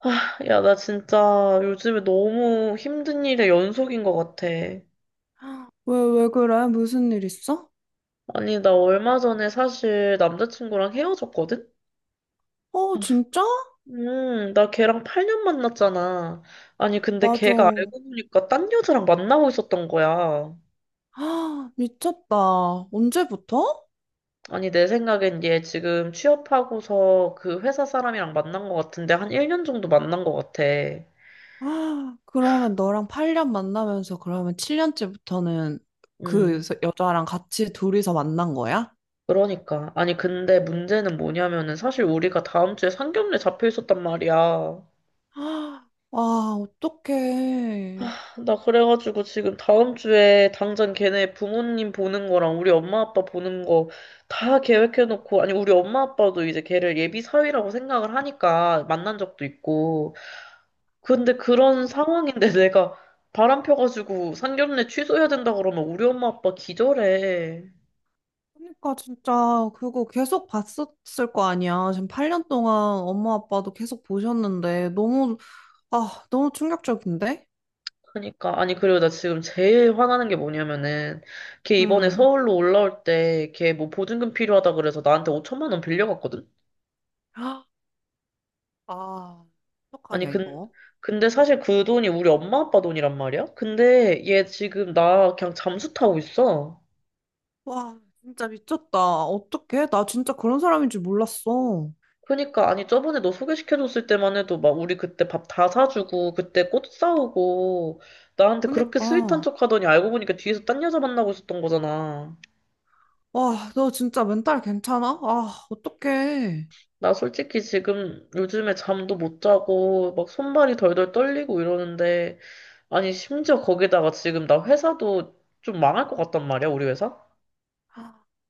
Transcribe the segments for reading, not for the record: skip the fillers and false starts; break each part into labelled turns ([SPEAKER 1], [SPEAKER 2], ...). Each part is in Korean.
[SPEAKER 1] 아, 야, 나 진짜 요즘에 너무 힘든 일의 연속인 것 같아.
[SPEAKER 2] 왜 그래? 무슨 일 있어?
[SPEAKER 1] 아니, 나 얼마 전에 사실 남자친구랑 헤어졌거든?
[SPEAKER 2] 어, 진짜?
[SPEAKER 1] 나 걔랑 8년 만났잖아. 아니, 근데
[SPEAKER 2] 맞아.
[SPEAKER 1] 걔가 알고 보니까 딴 여자랑 만나고 있었던 거야.
[SPEAKER 2] 아, 미쳤다. 언제부터?
[SPEAKER 1] 아니, 내 생각엔 얘 지금 취업하고서 그 회사 사람이랑 만난 것 같은데 한 1년 정도 만난 것 같아.
[SPEAKER 2] 아, 그러면 너랑 8년 만나면서 그러면 7년째부터는 그
[SPEAKER 1] 음,
[SPEAKER 2] 여자랑 같이 둘이서 만난 거야?
[SPEAKER 1] 그러니까. 아니, 근데 문제는 뭐냐면은 사실 우리가 다음 주에 상견례 잡혀 있었단 말이야.
[SPEAKER 2] 아, 와, 어떡해.
[SPEAKER 1] 나 그래가지고 지금 다음 주에 당장 걔네 부모님 보는 거랑 우리 엄마 아빠 보는 거 다 계획해놓고, 아니, 우리 엄마 아빠도 이제 걔를 예비 사위라고 생각을 하니까 만난 적도 있고. 근데 그런
[SPEAKER 2] 어,
[SPEAKER 1] 상황인데 내가 바람 펴가지고 상견례 취소해야 된다 그러면 우리 엄마 아빠 기절해.
[SPEAKER 2] 그러니까 진짜 그거 계속 봤었을 거 아니야. 지금 8년 동안 엄마 아빠도 계속 보셨는데 너무, 아, 너무 충격적인데?
[SPEAKER 1] 그러니까, 아니, 그리고 나 지금 제일 화나는 게 뭐냐면은, 걔 이번에
[SPEAKER 2] 음.
[SPEAKER 1] 서울로 올라올 때 걔 뭐 보증금 필요하다 그래서 나한테 5천만 원 빌려갔거든?
[SPEAKER 2] 아,
[SPEAKER 1] 아니,
[SPEAKER 2] 어떡하냐,
[SPEAKER 1] 근,
[SPEAKER 2] 이거.
[SPEAKER 1] 근데 사실 그 돈이 우리 엄마 아빠 돈이란 말이야? 근데 얘 지금 나 그냥 잠수 타고 있어.
[SPEAKER 2] 와, 진짜 미쳤다. 어떡해? 나 진짜 그런 사람인 줄 몰랐어.
[SPEAKER 1] 그러니까, 아니, 저번에 너 소개시켜줬을 때만 해도 막 우리 그때 밥 다 사주고, 그때 꽃 사오고, 나한테 그렇게 스윗한
[SPEAKER 2] 그니까.
[SPEAKER 1] 척 하더니 알고 보니까 뒤에서 딴 여자 만나고 있었던 거잖아.
[SPEAKER 2] 와, 너 진짜 멘탈 괜찮아? 아, 어떡해.
[SPEAKER 1] 나 솔직히 지금 요즘에 잠도 못 자고, 막 손발이 덜덜 떨리고 이러는데, 아니, 심지어 거기다가 지금 나 회사도 좀 망할 것 같단 말이야, 우리 회사?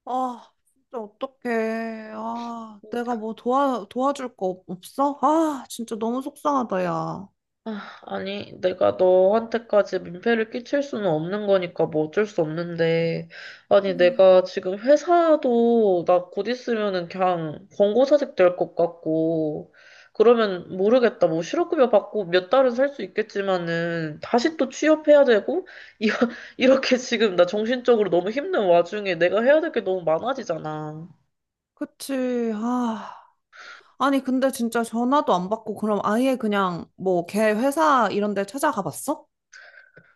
[SPEAKER 2] 아, 진짜 어떡해. 아, 내가 뭐 도와줄 거 없어? 아, 진짜 너무 속상하다, 야.
[SPEAKER 1] 아, 아니, 내가 너한테까지 민폐를 끼칠 수는 없는 거니까 뭐 어쩔 수 없는데. 아니,
[SPEAKER 2] 음,
[SPEAKER 1] 내가 지금 회사도 나 곧 있으면은 그냥 권고사직 될 것 같고, 그러면 모르겠다. 뭐 실업급여 받고 몇 달은 살 수 있겠지만은 다시 또 취업해야 되고, 이- 이렇게 지금 나 정신적으로 너무 힘든 와중에 내가 해야 될 게 너무 많아지잖아.
[SPEAKER 2] 그치. 아. 아니, 근데 진짜 전화도 안 받고, 그럼 아예 그냥 뭐 걔 회사 이런 데 찾아가 봤어?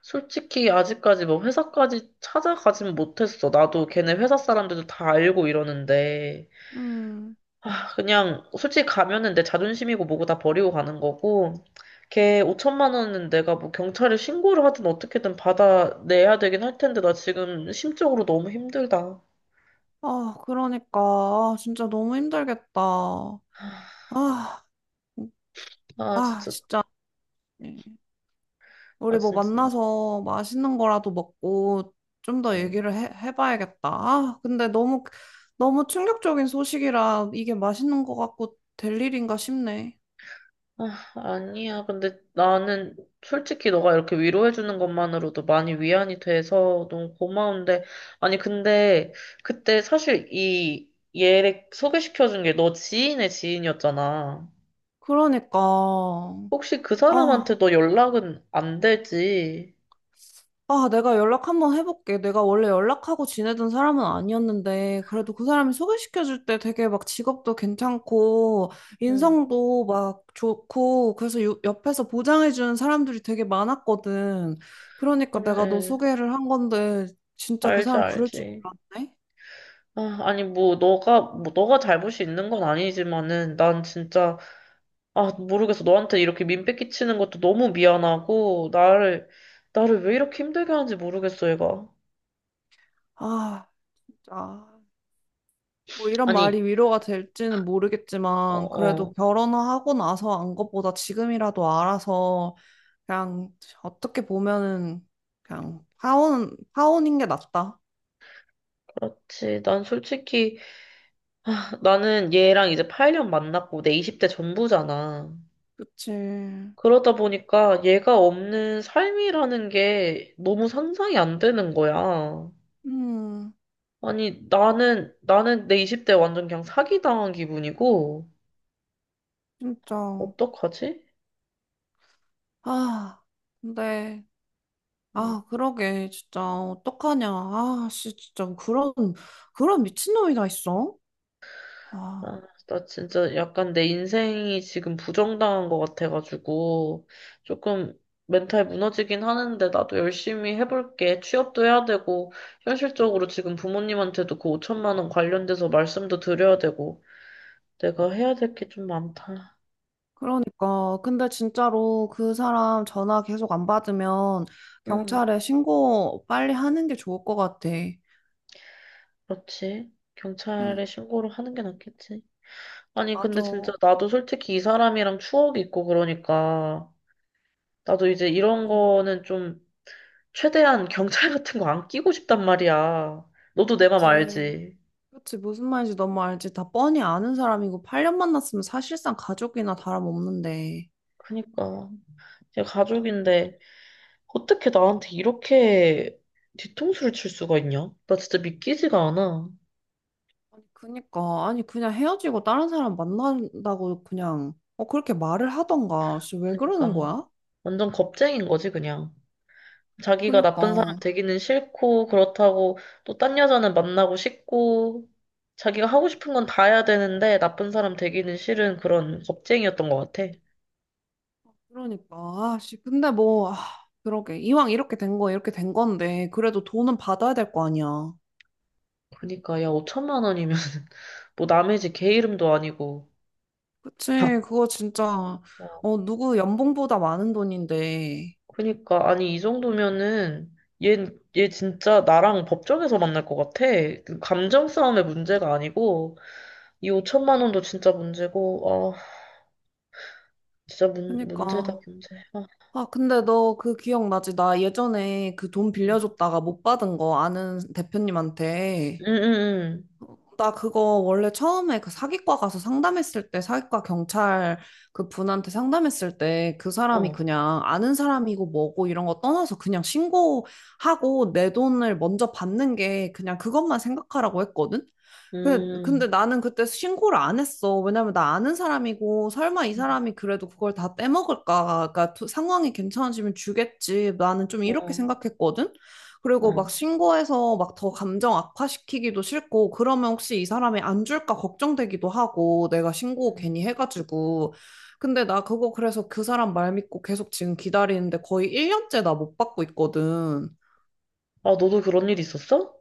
[SPEAKER 1] 솔직히 아직까지 뭐 회사까지 찾아가진 못했어. 나도 걔네 회사 사람들도 다 알고 이러는데.
[SPEAKER 2] 음.
[SPEAKER 1] 아, 그냥 솔직히 가면은 내 자존심이고 뭐고 다 버리고 가는 거고. 걔 5천만 원은 내가 뭐 경찰에 신고를 하든 어떻게든 받아내야 되긴 할 텐데 나 지금 심적으로 너무 힘들다.
[SPEAKER 2] 아, 그러니까. 아, 진짜 너무 힘들겠다. 아, 음,
[SPEAKER 1] 아,
[SPEAKER 2] 아,
[SPEAKER 1] 진짜.
[SPEAKER 2] 진짜.
[SPEAKER 1] 아,
[SPEAKER 2] 우리 뭐
[SPEAKER 1] 진짜.
[SPEAKER 2] 만나서 맛있는 거라도 먹고 좀 더
[SPEAKER 1] 네.
[SPEAKER 2] 얘기를 해봐야겠다. 아, 근데 너무, 너무 충격적인 소식이라 이게 맛있는 거 같고 될 일인가 싶네.
[SPEAKER 1] 아, 아니야. 근데 나는 솔직히 너가 이렇게 위로해주는 것만으로도 많이 위안이 돼서 너무 고마운데. 아니, 근데 그때 사실 이 얘를 소개시켜준 게 너 지인의 지인이었잖아.
[SPEAKER 2] 그러니까.
[SPEAKER 1] 혹시 그 사람한테
[SPEAKER 2] 아.
[SPEAKER 1] 너 연락은 안 되지?
[SPEAKER 2] 아, 내가 연락 한번 해볼게. 내가 원래 연락하고 지내던 사람은 아니었는데, 그래도 그 사람이 소개시켜줄 때 되게 막 직업도 괜찮고,
[SPEAKER 1] 응,
[SPEAKER 2] 인성도 막 좋고, 그래서 옆에서 보장해주는 사람들이 되게 많았거든. 그러니까 내가 너
[SPEAKER 1] 그래.
[SPEAKER 2] 소개를 한 건데, 진짜 그
[SPEAKER 1] 알지,
[SPEAKER 2] 사람 그럴 줄
[SPEAKER 1] 알지.
[SPEAKER 2] 몰랐네?
[SPEAKER 1] 아, 아니, 뭐, 너가 잘못이 있는 건 아니지만은, 난 진짜 아, 모르겠어. 너한테 이렇게 민폐 끼치는 것도 너무 미안하고, 나를 왜 이렇게 힘들게 하는지 모르겠어, 얘가.
[SPEAKER 2] 아, 진짜. 뭐 이런
[SPEAKER 1] 아니,
[SPEAKER 2] 말이 위로가 될지는
[SPEAKER 1] 어,
[SPEAKER 2] 모르겠지만,
[SPEAKER 1] 어,
[SPEAKER 2] 그래도 결혼하고 나서 안 것보다 지금이라도 알아서 그냥 어떻게 보면은 그냥 파혼인 게 낫다.
[SPEAKER 1] 그렇지. 난 솔직히, 나는 얘랑 이제 8년 만났고, 내 20대 전부잖아.
[SPEAKER 2] 그치.
[SPEAKER 1] 그러다 보니까 얘가 없는 삶이라는 게 너무 상상이 안 되는 거야.
[SPEAKER 2] 음,
[SPEAKER 1] 아니, 나는 내 20대 완전 그냥 사기당한 기분이고,
[SPEAKER 2] 진짜.
[SPEAKER 1] 어떡하지?
[SPEAKER 2] 아, 근데 아, 그러게 진짜 어떡하냐. 아, 씨 진짜 그런 미친놈이 다 있어.
[SPEAKER 1] 아,
[SPEAKER 2] 아,
[SPEAKER 1] 나 진짜 약간 내 인생이 지금 부정당한 것 같아가지고, 조금 멘탈 무너지긴 하는데, 나도 열심히 해볼게. 취업도 해야 되고, 현실적으로 지금 부모님한테도 그 5천만 원 관련돼서 말씀도 드려야 되고, 내가 해야 될 게 좀 많다.
[SPEAKER 2] 그러니까 근데 진짜로 그 사람 전화 계속 안 받으면
[SPEAKER 1] 응,
[SPEAKER 2] 경찰에 신고 빨리 하는 게 좋을 것 같아.
[SPEAKER 1] 그렇지.
[SPEAKER 2] 응,
[SPEAKER 1] 경찰에 신고를 하는 게 낫겠지. 아니,
[SPEAKER 2] 맞아.
[SPEAKER 1] 근데 진짜 나도 솔직히 이 사람이랑 추억이 있고 그러니까, 나도 이제 이런
[SPEAKER 2] 그치,
[SPEAKER 1] 거는 좀 최대한 경찰 같은 거 안 끼고 싶단 말이야. 너도 내 맘
[SPEAKER 2] 그치.
[SPEAKER 1] 알지.
[SPEAKER 2] 그치, 무슨 말인지 너무 알지. 다 뻔히 아는 사람이고, 8년 만났으면 사실상 가족이나 다름없는데.
[SPEAKER 1] 그니까. 제 가족인데, 어떻게 나한테 이렇게 뒤통수를 칠 수가 있냐? 나 진짜 믿기지가 않아.
[SPEAKER 2] 아니, 그니까. 아니, 그냥 헤어지고 다른 사람 만난다고 그냥, 어, 그렇게 말을 하던가. 씨, 왜 그러는
[SPEAKER 1] 그니까.
[SPEAKER 2] 거야?
[SPEAKER 1] 완전 겁쟁인 거지, 그냥. 자기가 나쁜
[SPEAKER 2] 그니까.
[SPEAKER 1] 사람 되기는 싫고, 그렇다고 또 딴 여자는 만나고 싶고, 자기가 하고 싶은 건 다 해야 되는데, 나쁜 사람 되기는 싫은 그런 겁쟁이였던 것 같아.
[SPEAKER 2] 그러니까. 아, 씨, 근데 뭐, 아, 그러게. 이왕 이렇게 된 거, 이렇게 된 건데, 그래도 돈은 받아야 될 거 아니야.
[SPEAKER 1] 그니까, 야, 5천만 원이면, 뭐 남의 집 개 이름도 아니고,
[SPEAKER 2] 그치, 그거 진짜,
[SPEAKER 1] 어,
[SPEAKER 2] 어, 누구 연봉보다 많은 돈인데.
[SPEAKER 1] 그니까 아니 이 정도면은 얘, 얘 진짜 나랑 법정에서 만날 것 같아. 그 감정 싸움의 문제가 아니고 이 5천만 원도 진짜 문제고 아 진짜 문제다
[SPEAKER 2] 그니까.
[SPEAKER 1] 문제. 아,
[SPEAKER 2] 아, 근데 너 그 기억나지? 나 예전에 그 돈
[SPEAKER 1] 음,
[SPEAKER 2] 빌려줬다가 못 받은 거 아는
[SPEAKER 1] 음,
[SPEAKER 2] 대표님한테.
[SPEAKER 1] 음, 음.
[SPEAKER 2] 나 그거 원래 처음에 그 사기과 가서 상담했을 때, 사기과 경찰 그 분한테 상담했을 때 그 사람이
[SPEAKER 1] 어,
[SPEAKER 2] 그냥 아는 사람이고 뭐고 이런 거 떠나서 그냥 신고하고 내 돈을 먼저 받는 게 그냥 그것만 생각하라고 했거든? 근데
[SPEAKER 1] 음,
[SPEAKER 2] 나는 그때 신고를 안 했어. 왜냐면 나 아는 사람이고, 설마 이
[SPEAKER 1] 음.
[SPEAKER 2] 사람이 그래도 그걸 다 빼먹을까? 그러니까 상황이 괜찮아지면 주겠지. 나는 좀 이렇게
[SPEAKER 1] 어,
[SPEAKER 2] 생각했거든? 그리고 막
[SPEAKER 1] 어.
[SPEAKER 2] 신고해서 막 더 감정 악화시키기도 싫고, 그러면 혹시 이 사람이 안 줄까 걱정되기도 하고, 내가 신고
[SPEAKER 1] 음.
[SPEAKER 2] 괜히 해가지고. 근데 나 그거 그래서 그 사람 말 믿고 계속 지금 기다리는데 거의 1년째 나 못 받고 있거든.
[SPEAKER 1] 아 너도 그런 일 있었어?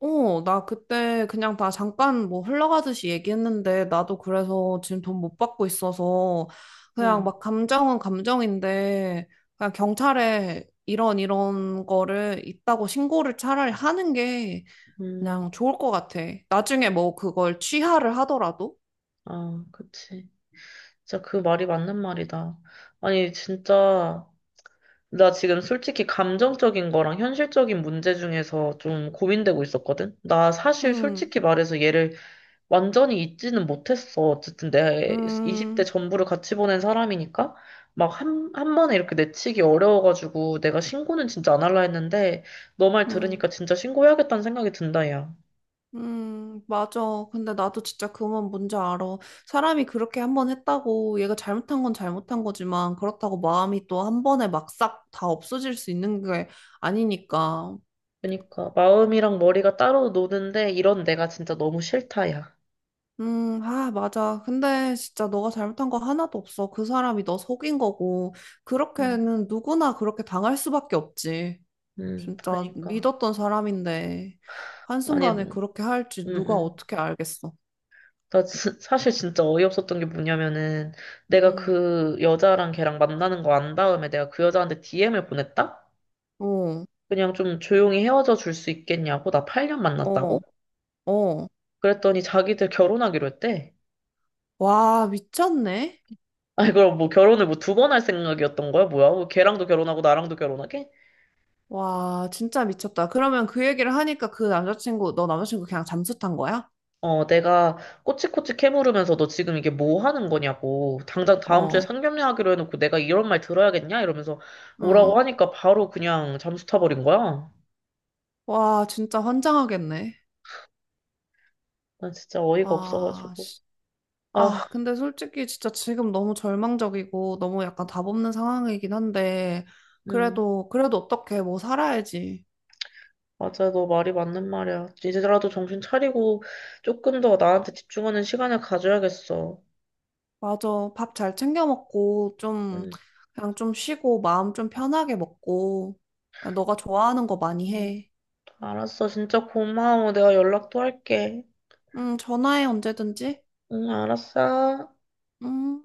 [SPEAKER 2] 어, 나 그때 그냥 다 잠깐 뭐 흘러가듯이 얘기했는데, 나도 그래서 지금 돈 못 받고 있어서, 그냥
[SPEAKER 1] 응,
[SPEAKER 2] 막 감정은 감정인데, 그냥 경찰에 이런 거를 있다고 신고를 차라리 하는 게
[SPEAKER 1] 음,
[SPEAKER 2] 그냥 좋을 것 같아. 나중에 뭐 그걸 취하를 하더라도.
[SPEAKER 1] 아 그치. 진짜 그 말이 맞는 말이다. 아니 진짜. 나 지금 솔직히 감정적인 거랑 현실적인 문제 중에서 좀 고민되고 있었거든? 나 사실
[SPEAKER 2] 음,
[SPEAKER 1] 솔직히 말해서 얘를 완전히 잊지는 못했어. 어쨌든 내 20대
[SPEAKER 2] 음,
[SPEAKER 1] 전부를 같이 보낸 사람이니까 막 한 번에 이렇게 내치기 어려워가지고 내가 신고는 진짜 안 할라 했는데 너 말
[SPEAKER 2] 음.
[SPEAKER 1] 들으니까 진짜 신고해야겠다는 생각이 든다, 야.
[SPEAKER 2] 맞아. 근데 나도 진짜 그건 뭔지 알아. 사람이 그렇게 한 번 했다고 얘가 잘못한 건 잘못한 거지만 그렇다고 마음이 또 한 번에 막 싹 다 없어질 수 있는 게 아니니까.
[SPEAKER 1] 그러니까 마음이랑 머리가 따로 노는데 이런 내가 진짜 너무 싫다, 야.
[SPEAKER 2] 아, 맞아. 근데 진짜 너가 잘못한 거 하나도 없어. 그 사람이 너 속인 거고.
[SPEAKER 1] 음,
[SPEAKER 2] 그렇게는 누구나 그렇게 당할 수밖에 없지. 진짜
[SPEAKER 1] 그러니까.
[SPEAKER 2] 믿었던 사람인데
[SPEAKER 1] 아니,
[SPEAKER 2] 한순간에 그렇게 할지 누가
[SPEAKER 1] 음.
[SPEAKER 2] 어떻게 알겠어.
[SPEAKER 1] 사실 진짜 어이없었던 게 뭐냐면은 내가
[SPEAKER 2] 음,
[SPEAKER 1] 그 여자랑 걔랑 만나는 거 안 다음에 내가 그 여자한테 DM을 보냈다?
[SPEAKER 2] 어,
[SPEAKER 1] 그냥 좀 조용히 헤어져 줄 수 있겠냐고? 나 8년
[SPEAKER 2] 어,
[SPEAKER 1] 만났다고?
[SPEAKER 2] 어.
[SPEAKER 1] 그랬더니 자기들 결혼하기로 했대.
[SPEAKER 2] 와, 미쳤네.
[SPEAKER 1] 아니 그럼 뭐 결혼을 뭐 두 번 할 생각이었던 거야? 뭐야? 뭐 걔랑도 결혼하고 나랑도 결혼하게?
[SPEAKER 2] 와, 진짜 미쳤다. 그러면 그 얘기를 하니까 너 남자친구 그냥 잠수 탄 거야?
[SPEAKER 1] 어 내가 꼬치꼬치 캐물으면서 너 지금 이게 뭐 하는 거냐고 당장 다음 주에
[SPEAKER 2] 어,
[SPEAKER 1] 상견례 하기로 해놓고 내가 이런 말 들어야겠냐? 이러면서
[SPEAKER 2] 응.
[SPEAKER 1] 뭐라고 하니까 바로 그냥 잠수 타버린 거야.
[SPEAKER 2] 와, 진짜 환장하겠네.
[SPEAKER 1] 난 진짜 어이가
[SPEAKER 2] 와,
[SPEAKER 1] 없어가지고.
[SPEAKER 2] 씨.
[SPEAKER 1] 아,
[SPEAKER 2] 아, 근데 솔직히 진짜 지금 너무 절망적이고 너무 약간 답 없는 상황이긴 한데,
[SPEAKER 1] 음,
[SPEAKER 2] 그래도 어떻게 뭐 살아야지.
[SPEAKER 1] 맞아. 너 말이 맞는 말이야. 이제라도 정신 차리고 조금 더 나한테 집중하는 시간을 가져야겠어.
[SPEAKER 2] 맞아. 밥 잘 챙겨 먹고, 좀,
[SPEAKER 1] 음,
[SPEAKER 2] 그냥 좀 쉬고, 마음 좀 편하게 먹고, 너가 좋아하는 거 많이
[SPEAKER 1] 음,
[SPEAKER 2] 해.
[SPEAKER 1] 알았어. 진짜 고마워. 내가 연락 또 할게.
[SPEAKER 2] 응, 전화해, 언제든지.
[SPEAKER 1] 응, 알았어.
[SPEAKER 2] 응.